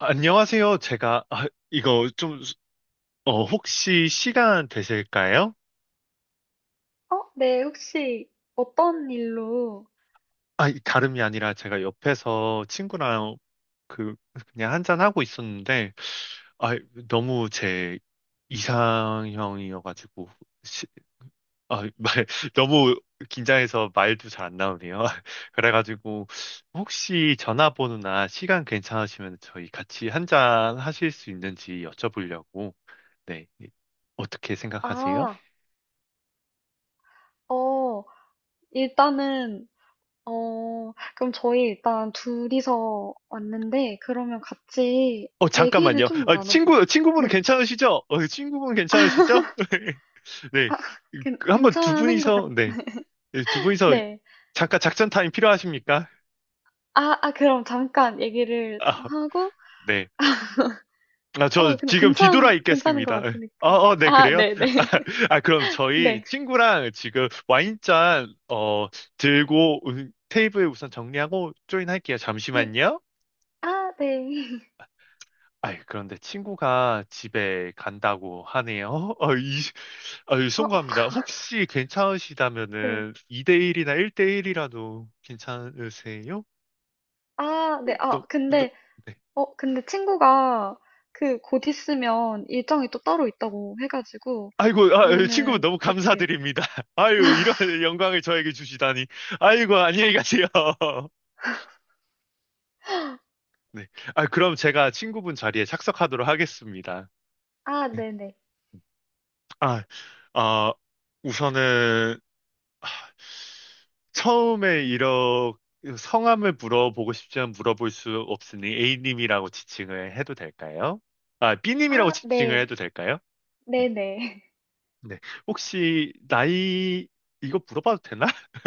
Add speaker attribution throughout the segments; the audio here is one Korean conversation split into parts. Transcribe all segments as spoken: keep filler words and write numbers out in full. Speaker 1: 안녕하세요. 제가, 아, 이거 좀, 어, 혹시 시간 되실까요?
Speaker 2: 어, 네, 혹시 어떤 일로?
Speaker 1: 아, 이- 다름이 아니라 제가 옆에서 친구랑 그, 그냥 한잔하고 있었는데, 아, 너무 제 이상형이어가지고, 시- 아, 말, 너무 긴장해서 말도 잘 안 나오네요. 그래가지고, 혹시 전화번호나 시간 괜찮으시면 저희 같이 한잔 하실 수 있는지 여쭤보려고, 네. 어떻게 생각하세요?
Speaker 2: 아, 어, 일단은, 어, 그럼 저희 일단 둘이서 왔는데, 그러면 같이
Speaker 1: 어,
Speaker 2: 얘기를
Speaker 1: 잠깐만요.
Speaker 2: 좀
Speaker 1: 어,
Speaker 2: 나눠볼까?
Speaker 1: 친구, 친구분
Speaker 2: 네,
Speaker 1: 괜찮으시죠? 어, 친구분 괜찮으시죠? 네.
Speaker 2: 아, 괜,
Speaker 1: 그 한번 두
Speaker 2: 괜찮은 것 같,
Speaker 1: 분이서, 네. 네, 두 분이서
Speaker 2: 네.
Speaker 1: 잠깐 작전 타임 필요하십니까?
Speaker 2: 아, 아, 그럼 잠깐 얘기를 좀
Speaker 1: 아,
Speaker 2: 하고,
Speaker 1: 네. 아, 저
Speaker 2: 어, 근데
Speaker 1: 지금 뒤돌아
Speaker 2: 괜찮, 괜찮은 것
Speaker 1: 있겠습니다. 어,
Speaker 2: 같으니까.
Speaker 1: 어, 네,
Speaker 2: 아,
Speaker 1: 그래요?
Speaker 2: 네네.
Speaker 1: 아,
Speaker 2: 네.
Speaker 1: 아, 그럼 저희
Speaker 2: 네.
Speaker 1: 친구랑 지금 와인잔, 어, 들고 음, 테이블 우선 정리하고 조인할게요.
Speaker 2: 네. 네.
Speaker 1: 잠시만요.
Speaker 2: 아, 네.
Speaker 1: 아이, 그런데 친구가 집에 간다고 하네요. 이, 아유,
Speaker 2: 어,
Speaker 1: 송구합니다. 혹시
Speaker 2: 네.
Speaker 1: 괜찮으시다면은 이 대일이나 일 대일이라도 괜찮으세요?
Speaker 2: 아, 네. 아,
Speaker 1: 너, 너,
Speaker 2: 근데
Speaker 1: 네.
Speaker 2: 어, 근데 친구가 그 곧 있으면 일정이 또 따로 있다고 해가지고,
Speaker 1: 아이고, 아, 예, 친구분
Speaker 2: 그러면은
Speaker 1: 너무
Speaker 2: 어떻게?
Speaker 1: 감사드립니다. 아유, 이런 영광을 저에게 주시다니. 아이고, 안녕히 가세요. 네. 아, 그럼 제가 친구분 자리에 착석하도록 하겠습니다.
Speaker 2: 아,
Speaker 1: 네.
Speaker 2: 네네.
Speaker 1: 아, 어, 우선은 처음에 이렇게 성함을 물어보고 싶지만 물어볼 수 없으니 A님이라고 지칭을 해도 될까요? 아, B님이라고
Speaker 2: 아,
Speaker 1: 지칭을
Speaker 2: 네.
Speaker 1: 해도 될까요? 네.
Speaker 2: 네네.
Speaker 1: 네. 혹시 나이 이거 물어봐도 되나?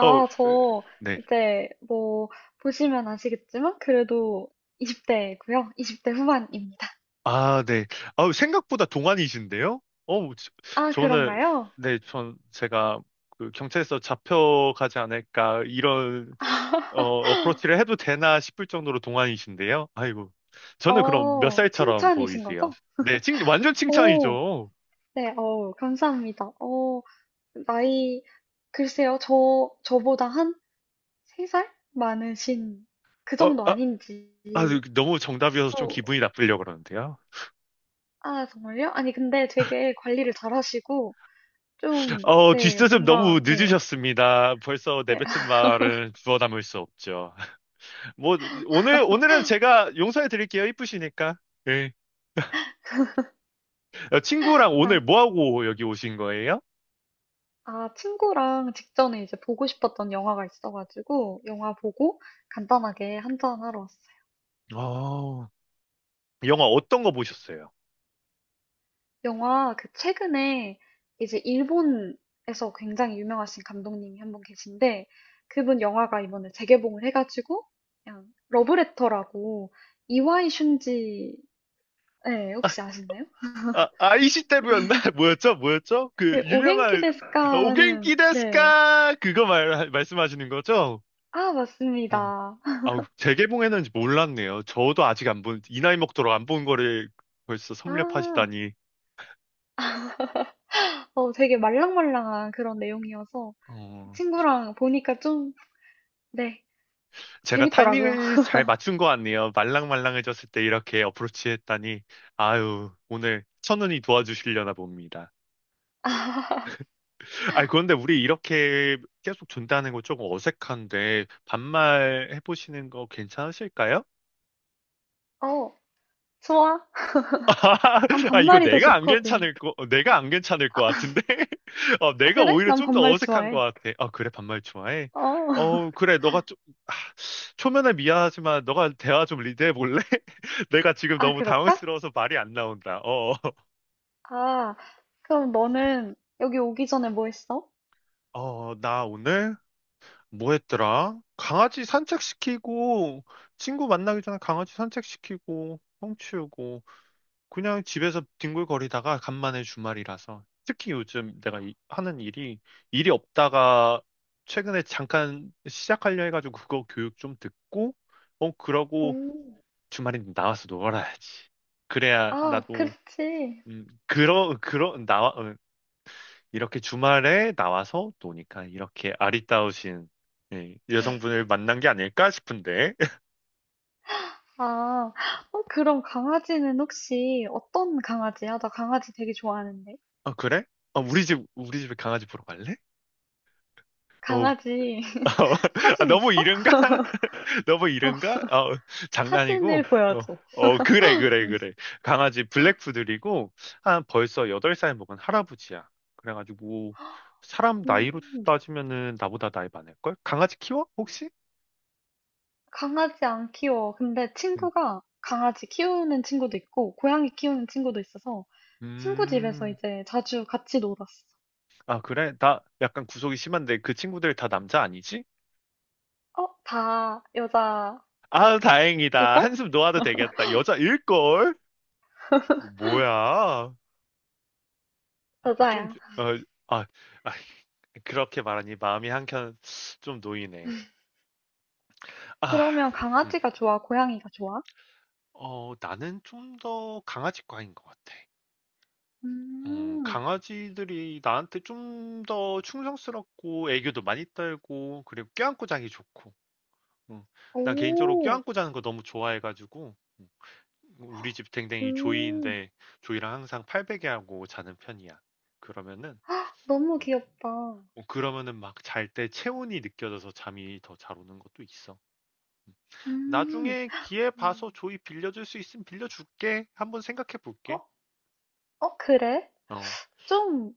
Speaker 1: 어,
Speaker 2: 저
Speaker 1: 네.
Speaker 2: 이제 뭐 보시면 아시겠지만 그래도 이십 대고요. 이십 대 후반입니다.
Speaker 1: 아, 네. 아우, 생각보다 동안이신데요? 어, 저-
Speaker 2: 아,
Speaker 1: 저는,
Speaker 2: 그런가요?
Speaker 1: 네, 전, 제가, 그, 경찰서 잡혀가지 않을까, 이런, 어, 어프로치를 해도 되나 싶을 정도로 동안이신데요? 아이고. 저는 그럼 몇
Speaker 2: 어,
Speaker 1: 살처럼
Speaker 2: 칭찬이신
Speaker 1: 보이세요?
Speaker 2: 거죠?
Speaker 1: 네, 칭, 완전
Speaker 2: 오,
Speaker 1: 칭찬이죠.
Speaker 2: 네, 어, 감사합니다. 어, 나이, 글쎄요, 저, 저보다 한 세 살 많으신 그
Speaker 1: 어,
Speaker 2: 정도
Speaker 1: 아,
Speaker 2: 아닌지.
Speaker 1: 아, 그 너무 정답이어서 좀 기분이
Speaker 2: 또
Speaker 1: 나쁘려고 그러는데요.
Speaker 2: 아 정말요? 아니, 근데 되게 관리를 잘하시고 좀,
Speaker 1: 어,
Speaker 2: 네,
Speaker 1: 뒷수습 너무
Speaker 2: 뭔가, 네,
Speaker 1: 늦으셨습니다. 벌써
Speaker 2: 네.
Speaker 1: 내뱉은 말은 주워 담을 수 없죠. 뭐, 오늘, 오늘은 제가 용서해 드릴게요. 이쁘시니까. 예. 어, 친구랑 오늘 뭐
Speaker 2: 아
Speaker 1: 하고 여기 오신 거예요?
Speaker 2: 아 친구랑 직전에 이제 보고 싶었던 영화가 있어가지고 영화 보고 간단하게 한잔 하러 왔어요.
Speaker 1: 아, 영화 어떤 거 보셨어요?
Speaker 2: 영화 그 최근에 이제 일본에서 굉장히 유명하신 감독님이 한 분 계신데 그분 영화가 이번에 재개봉을 해가지고, 그냥 러브레터라고, 이와이 슌지. 네, 혹시 아시나요?
Speaker 1: 아, 아이시때부였나 뭐였죠? 뭐였죠? 그
Speaker 2: 그 오겐키
Speaker 1: 유명한
Speaker 2: 데스
Speaker 1: 아,
Speaker 2: 까
Speaker 1: 오겐키
Speaker 2: 하는, 네.
Speaker 1: 데스까? 그거 말, 말씀하시는 거죠?
Speaker 2: 아,
Speaker 1: 어.
Speaker 2: 맞습니다.
Speaker 1: 아우, 재개봉했는지 몰랐네요. 저도 아직 안 본, 이 나이 먹도록 안 본 거를 벌써
Speaker 2: 아,
Speaker 1: 섭렵하시다니.
Speaker 2: 어, 되게 말랑말랑한 그런 내용이어서 그
Speaker 1: 어.
Speaker 2: 친구랑 보니까 좀, 네,
Speaker 1: 제가
Speaker 2: 재밌더라고요.
Speaker 1: 타이밍을 잘 맞춘 것 같네요. 말랑말랑해졌을 때 이렇게 어프로치 했다니. 아유, 오늘 천운이 도와주시려나 봅니다. 아니, 그런데 우리 이렇게 계속 준다는 거 조금 어색한데, 반말 해보시는 거 괜찮으실까요?
Speaker 2: 어, 좋아. 난
Speaker 1: 아, 이거
Speaker 2: 반말이 더
Speaker 1: 내가 안
Speaker 2: 좋거든.
Speaker 1: 괜찮을 거, 어, 내가 안 괜찮을 것 같은데? 어, 내가
Speaker 2: 그래?
Speaker 1: 오히려
Speaker 2: 난
Speaker 1: 좀 더
Speaker 2: 반말
Speaker 1: 어색한 것
Speaker 2: 좋아해.
Speaker 1: 같아. 아, 그래, 반말 좋아해?
Speaker 2: 어,
Speaker 1: 어, 그래, 너가 좀, 아, 초면에 미안하지만, 너가 대화 좀 리드해 볼래? 내가 지금
Speaker 2: 아,
Speaker 1: 너무
Speaker 2: 그럴까?
Speaker 1: 당황스러워서 말이 안 나온다. 어,
Speaker 2: 아, 그럼 너는 여기 오기 전에 뭐 했어?
Speaker 1: 어, 어, 나 오늘 뭐 했더라? 강아지 산책시키고, 친구 만나기 전에 강아지 산책시키고, 똥치우고, 그냥 집에서 뒹굴거리다가 간만에 주말이라서. 특히 요즘 내가 이- 하는 일이, 일이 없다가 최근에 잠깐 시작하려 해가지고 그거 교육 좀 듣고, 어,
Speaker 2: 오,
Speaker 1: 그러고 주말에 나와서 놀아야지. 그래야
Speaker 2: 아,
Speaker 1: 나도,
Speaker 2: 그렇지.
Speaker 1: 음, 그러, 그러, 나, 이렇게 주말에 나와서 노니까 이렇게 아리따우신 예, 여성분을 만난 게 아닐까 싶은데.
Speaker 2: 아, 어, 그럼 강아지는 혹시 어떤 강아지야? 나 강아지 되게 좋아하는데.
Speaker 1: 아, 그래? 아, 우리 집, 우리 집에 강아지 보러 갈래? 어,
Speaker 2: 강아지.
Speaker 1: 아,
Speaker 2: 사진 있어?
Speaker 1: 너무 이른가? 너무
Speaker 2: 어,
Speaker 1: 이른가? 어, 장난이고.
Speaker 2: 사진을
Speaker 1: 어,
Speaker 2: 보여줘.
Speaker 1: 어, 그래, 그래,
Speaker 2: 음,
Speaker 1: 그래. 강아지 블랙푸들이고, 한 벌써 여덟 살 먹은 할아버지야. 그래가지고, 사람 나이로
Speaker 2: 음,
Speaker 1: 따지면은 나보다 나이 많을걸? 강아지 키워? 혹시?
Speaker 2: 강아지 안 키워. 근데
Speaker 1: 응.
Speaker 2: 친구가 강아지 키우는 친구도 있고, 고양이 키우는 친구도 있어서 친구 집에서
Speaker 1: 음,
Speaker 2: 이제 자주 같이 놀았어.
Speaker 1: 아, 그래? 나 약간 구속이 심한데 그 친구들 다 남자 아니지?
Speaker 2: 어, 다 여자일걸?
Speaker 1: 아, 다행이다. 한숨 놓아도 되겠다. 여자일걸? 뭐야? 좀,
Speaker 2: 여자야.
Speaker 1: 어, 아, 아, 그렇게 말하니 마음이 한켠 좀 놓이네. 아,
Speaker 2: 그러면
Speaker 1: 음.
Speaker 2: 강아지가 좋아? 고양이가 좋아?
Speaker 1: 어, 나는 좀 더 강아지과인 것 같아. 음,
Speaker 2: 음,
Speaker 1: 강아지들이 나한테 좀 더 충성스럽고 애교도 많이 떨고 그리고 껴안고 자기 좋고. 음, 난 개인적으로
Speaker 2: 오,
Speaker 1: 껴안고 자는 거 너무 좋아해가지고. 뭐 우리 집 댕댕이
Speaker 2: 오.
Speaker 1: 조이인데 조이랑 항상 팔베개 하고 자는 편이야. 그러면은
Speaker 2: 너무
Speaker 1: 음.
Speaker 2: 귀엽다.
Speaker 1: 어, 그러면은 막 잘 때 체온이 느껴져서 잠이 더 잘 오는 것도 있어. 음.
Speaker 2: 음,
Speaker 1: 나중에 기회 봐서
Speaker 2: 음.
Speaker 1: 조이 빌려줄 수 있으면 빌려줄게. 한번 생각해
Speaker 2: 어?
Speaker 1: 볼게.
Speaker 2: 어, 그래?
Speaker 1: 어,
Speaker 2: 좀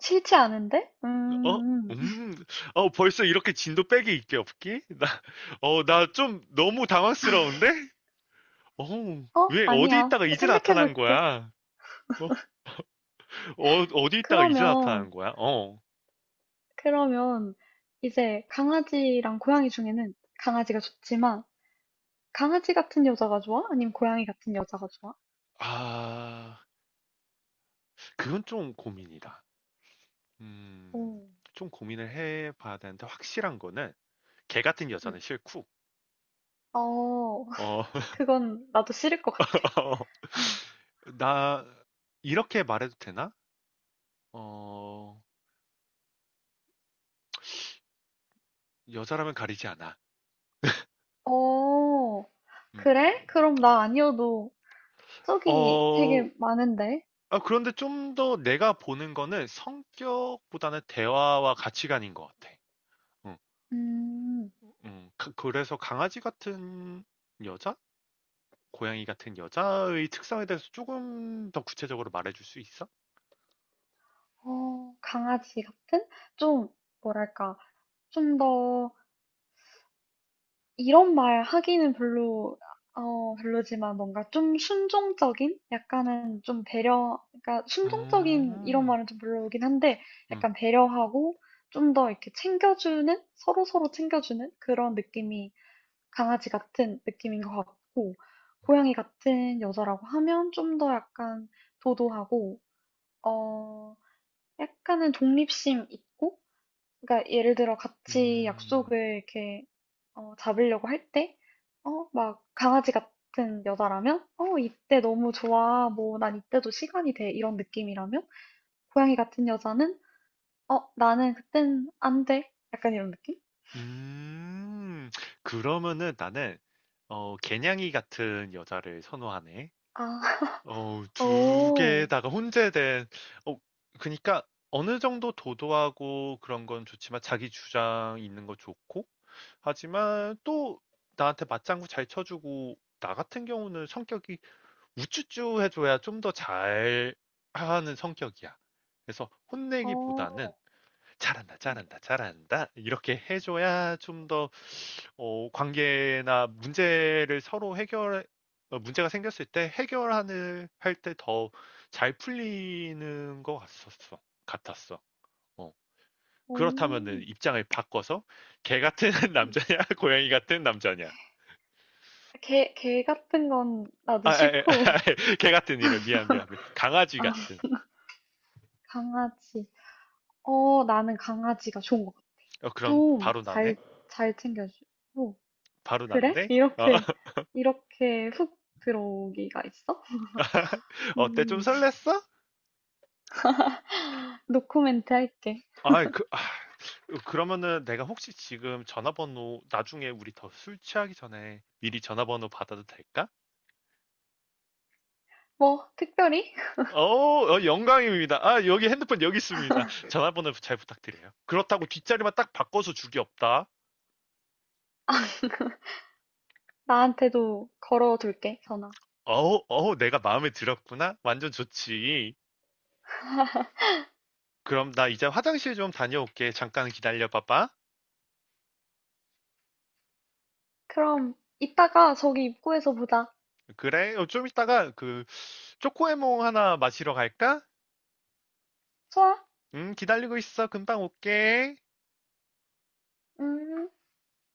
Speaker 2: 싫지 않은데?
Speaker 1: 어,
Speaker 2: 음,
Speaker 1: 음, 어 벌써 이렇게 진도 빼기 있게 없기? 나, 어, 나 좀 너무 당황스러운데? 어,
Speaker 2: 음. 어?
Speaker 1: 왜 어디
Speaker 2: 아니야.
Speaker 1: 있다가 이제 나타난
Speaker 2: 생각해볼게.
Speaker 1: 거야? 어, 어 어디 있다가 이제
Speaker 2: 그러면,
Speaker 1: 나타난 거야? 어,
Speaker 2: 그러면, 이제 강아지랑 고양이 중에는 강아지가 좋지만, 강아지 같은 여자가 좋아? 아니면 고양이 같은 여자가 좋아?
Speaker 1: 아. 그건 좀 고민이다. 음.
Speaker 2: 오.
Speaker 1: 좀 고민을 해 봐야 되는데 확실한 거는 걔 같은
Speaker 2: 응.
Speaker 1: 여자는 싫고
Speaker 2: 어,
Speaker 1: 어
Speaker 2: 그건 나도 싫을 것 같아.
Speaker 1: 나 이렇게 말해도 되나? 어 여자라면 가리지 않아.
Speaker 2: 어,
Speaker 1: 음.
Speaker 2: 그래? 그럼 나 아니어도 저기
Speaker 1: 어
Speaker 2: 되게 많은데?
Speaker 1: 아 그런데 좀 더 내가 보는 거는 성격보다는 대화와 가치관인 것 같아. 음.
Speaker 2: 음,
Speaker 1: 음. 그 그래서 강아지 같은 여자? 고양이 같은 여자의 특성에 대해서 조금 더 구체적으로 말해 줄 수 있어?
Speaker 2: 어 강아지 같은? 좀 뭐랄까, 좀 더 이런 말 하기는 별로, 어 별로지만 뭔가 좀 순종적인, 약간은 좀 배려, 그러니까
Speaker 1: 어,
Speaker 2: 순종적인 이런 말은 좀 별로긴 한데
Speaker 1: 음,
Speaker 2: 약간 배려하고 좀 더 이렇게 챙겨주는, 서로서로 챙겨주는 그런 느낌이 강아지 같은 느낌인 것 같고, 고양이 같은 여자라고 하면 좀 더 약간 도도하고, 어 약간은 독립심 있고, 그러니까 예를 들어 같이
Speaker 1: 음,
Speaker 2: 약속을 이렇게 어, 잡으려고 할 때, 어, 막 강아지 같은 여자라면, 어, 이때 너무 좋아. 뭐, 난 이때도 시간이 돼. 이런 느낌이라면, 고양이 같은 여자는, 어, 나는 그땐 안 돼. 약간 이런 느낌?
Speaker 1: 음. 그러면은 나는, 어, 개냥이 같은 여자를 선호하네.
Speaker 2: 아,
Speaker 1: 어, 두
Speaker 2: 오,
Speaker 1: 개다가 혼재된, 어, 그니까 어느 정도 도도하고 그런 건 좋지만 자기 주장 있는 거 좋고, 하지만 또 나한테 맞장구 잘 쳐주고, 나 같은 경우는 성격이 우쭈쭈 해줘야 좀 더 잘 하는 성격이야. 그래서 혼내기보다는
Speaker 2: 어,
Speaker 1: 잘한다, 잘한다, 잘한다. 이렇게 해줘야 좀 더, 어, 관계나 문제를 서로 해결, 어, 문제가 생겼을 때 해결하는, 할 때 더 잘 풀리는 것 같았어. 같았어. 어. 그렇다면은
Speaker 2: 오.
Speaker 1: 입장을 바꿔서 개 같은 남자냐, 고양이 같은 남자냐.
Speaker 2: 개, 개 같은 건
Speaker 1: 아,
Speaker 2: 나도
Speaker 1: 아, 아,
Speaker 2: 싫고.
Speaker 1: 개 같은 이래. 미안, 미안, 미안. 강아지
Speaker 2: 아,
Speaker 1: 같은.
Speaker 2: 강아지. 어, 나는 강아지가 좋은 것 같아.
Speaker 1: 어, 그럼
Speaker 2: 좀
Speaker 1: 바로
Speaker 2: 잘,
Speaker 1: 나네?
Speaker 2: 잘 챙겨주고.
Speaker 1: 바로
Speaker 2: 그래?
Speaker 1: 난데? 어,
Speaker 2: 이렇게, 이렇게 훅 들어오기가 있어?
Speaker 1: 어때? 좀
Speaker 2: 음,
Speaker 1: 설렜어?
Speaker 2: 노코멘트 할게.
Speaker 1: 아, 그, 아, 그러면은 내가 혹시 지금 전화번호 나중에 우리 더 술 취하기 전에 미리 전화번호 받아도 될까?
Speaker 2: 뭐, 특별히?
Speaker 1: 어, 어, 영광입니다. 아, 여기 핸드폰 여기 있습니다. 전화번호 잘 부탁드려요. 그렇다고 뒷자리만 딱 바꿔서 주기 없다.
Speaker 2: 나한테도 걸어둘게, 전화.
Speaker 1: 어우, 어우, 내가 마음에 들었구나. 완전 좋지. 그럼 나 이제 화장실 좀 다녀올게. 잠깐 기다려봐봐.
Speaker 2: 그럼, 이따가 저기 입구에서 보자.
Speaker 1: 그래, 어, 좀 이따가 그 초코에몽 하나 마시러 갈까?
Speaker 2: 좋아?
Speaker 1: 음, 기다리고 있어. 금방 올게.
Speaker 2: 음.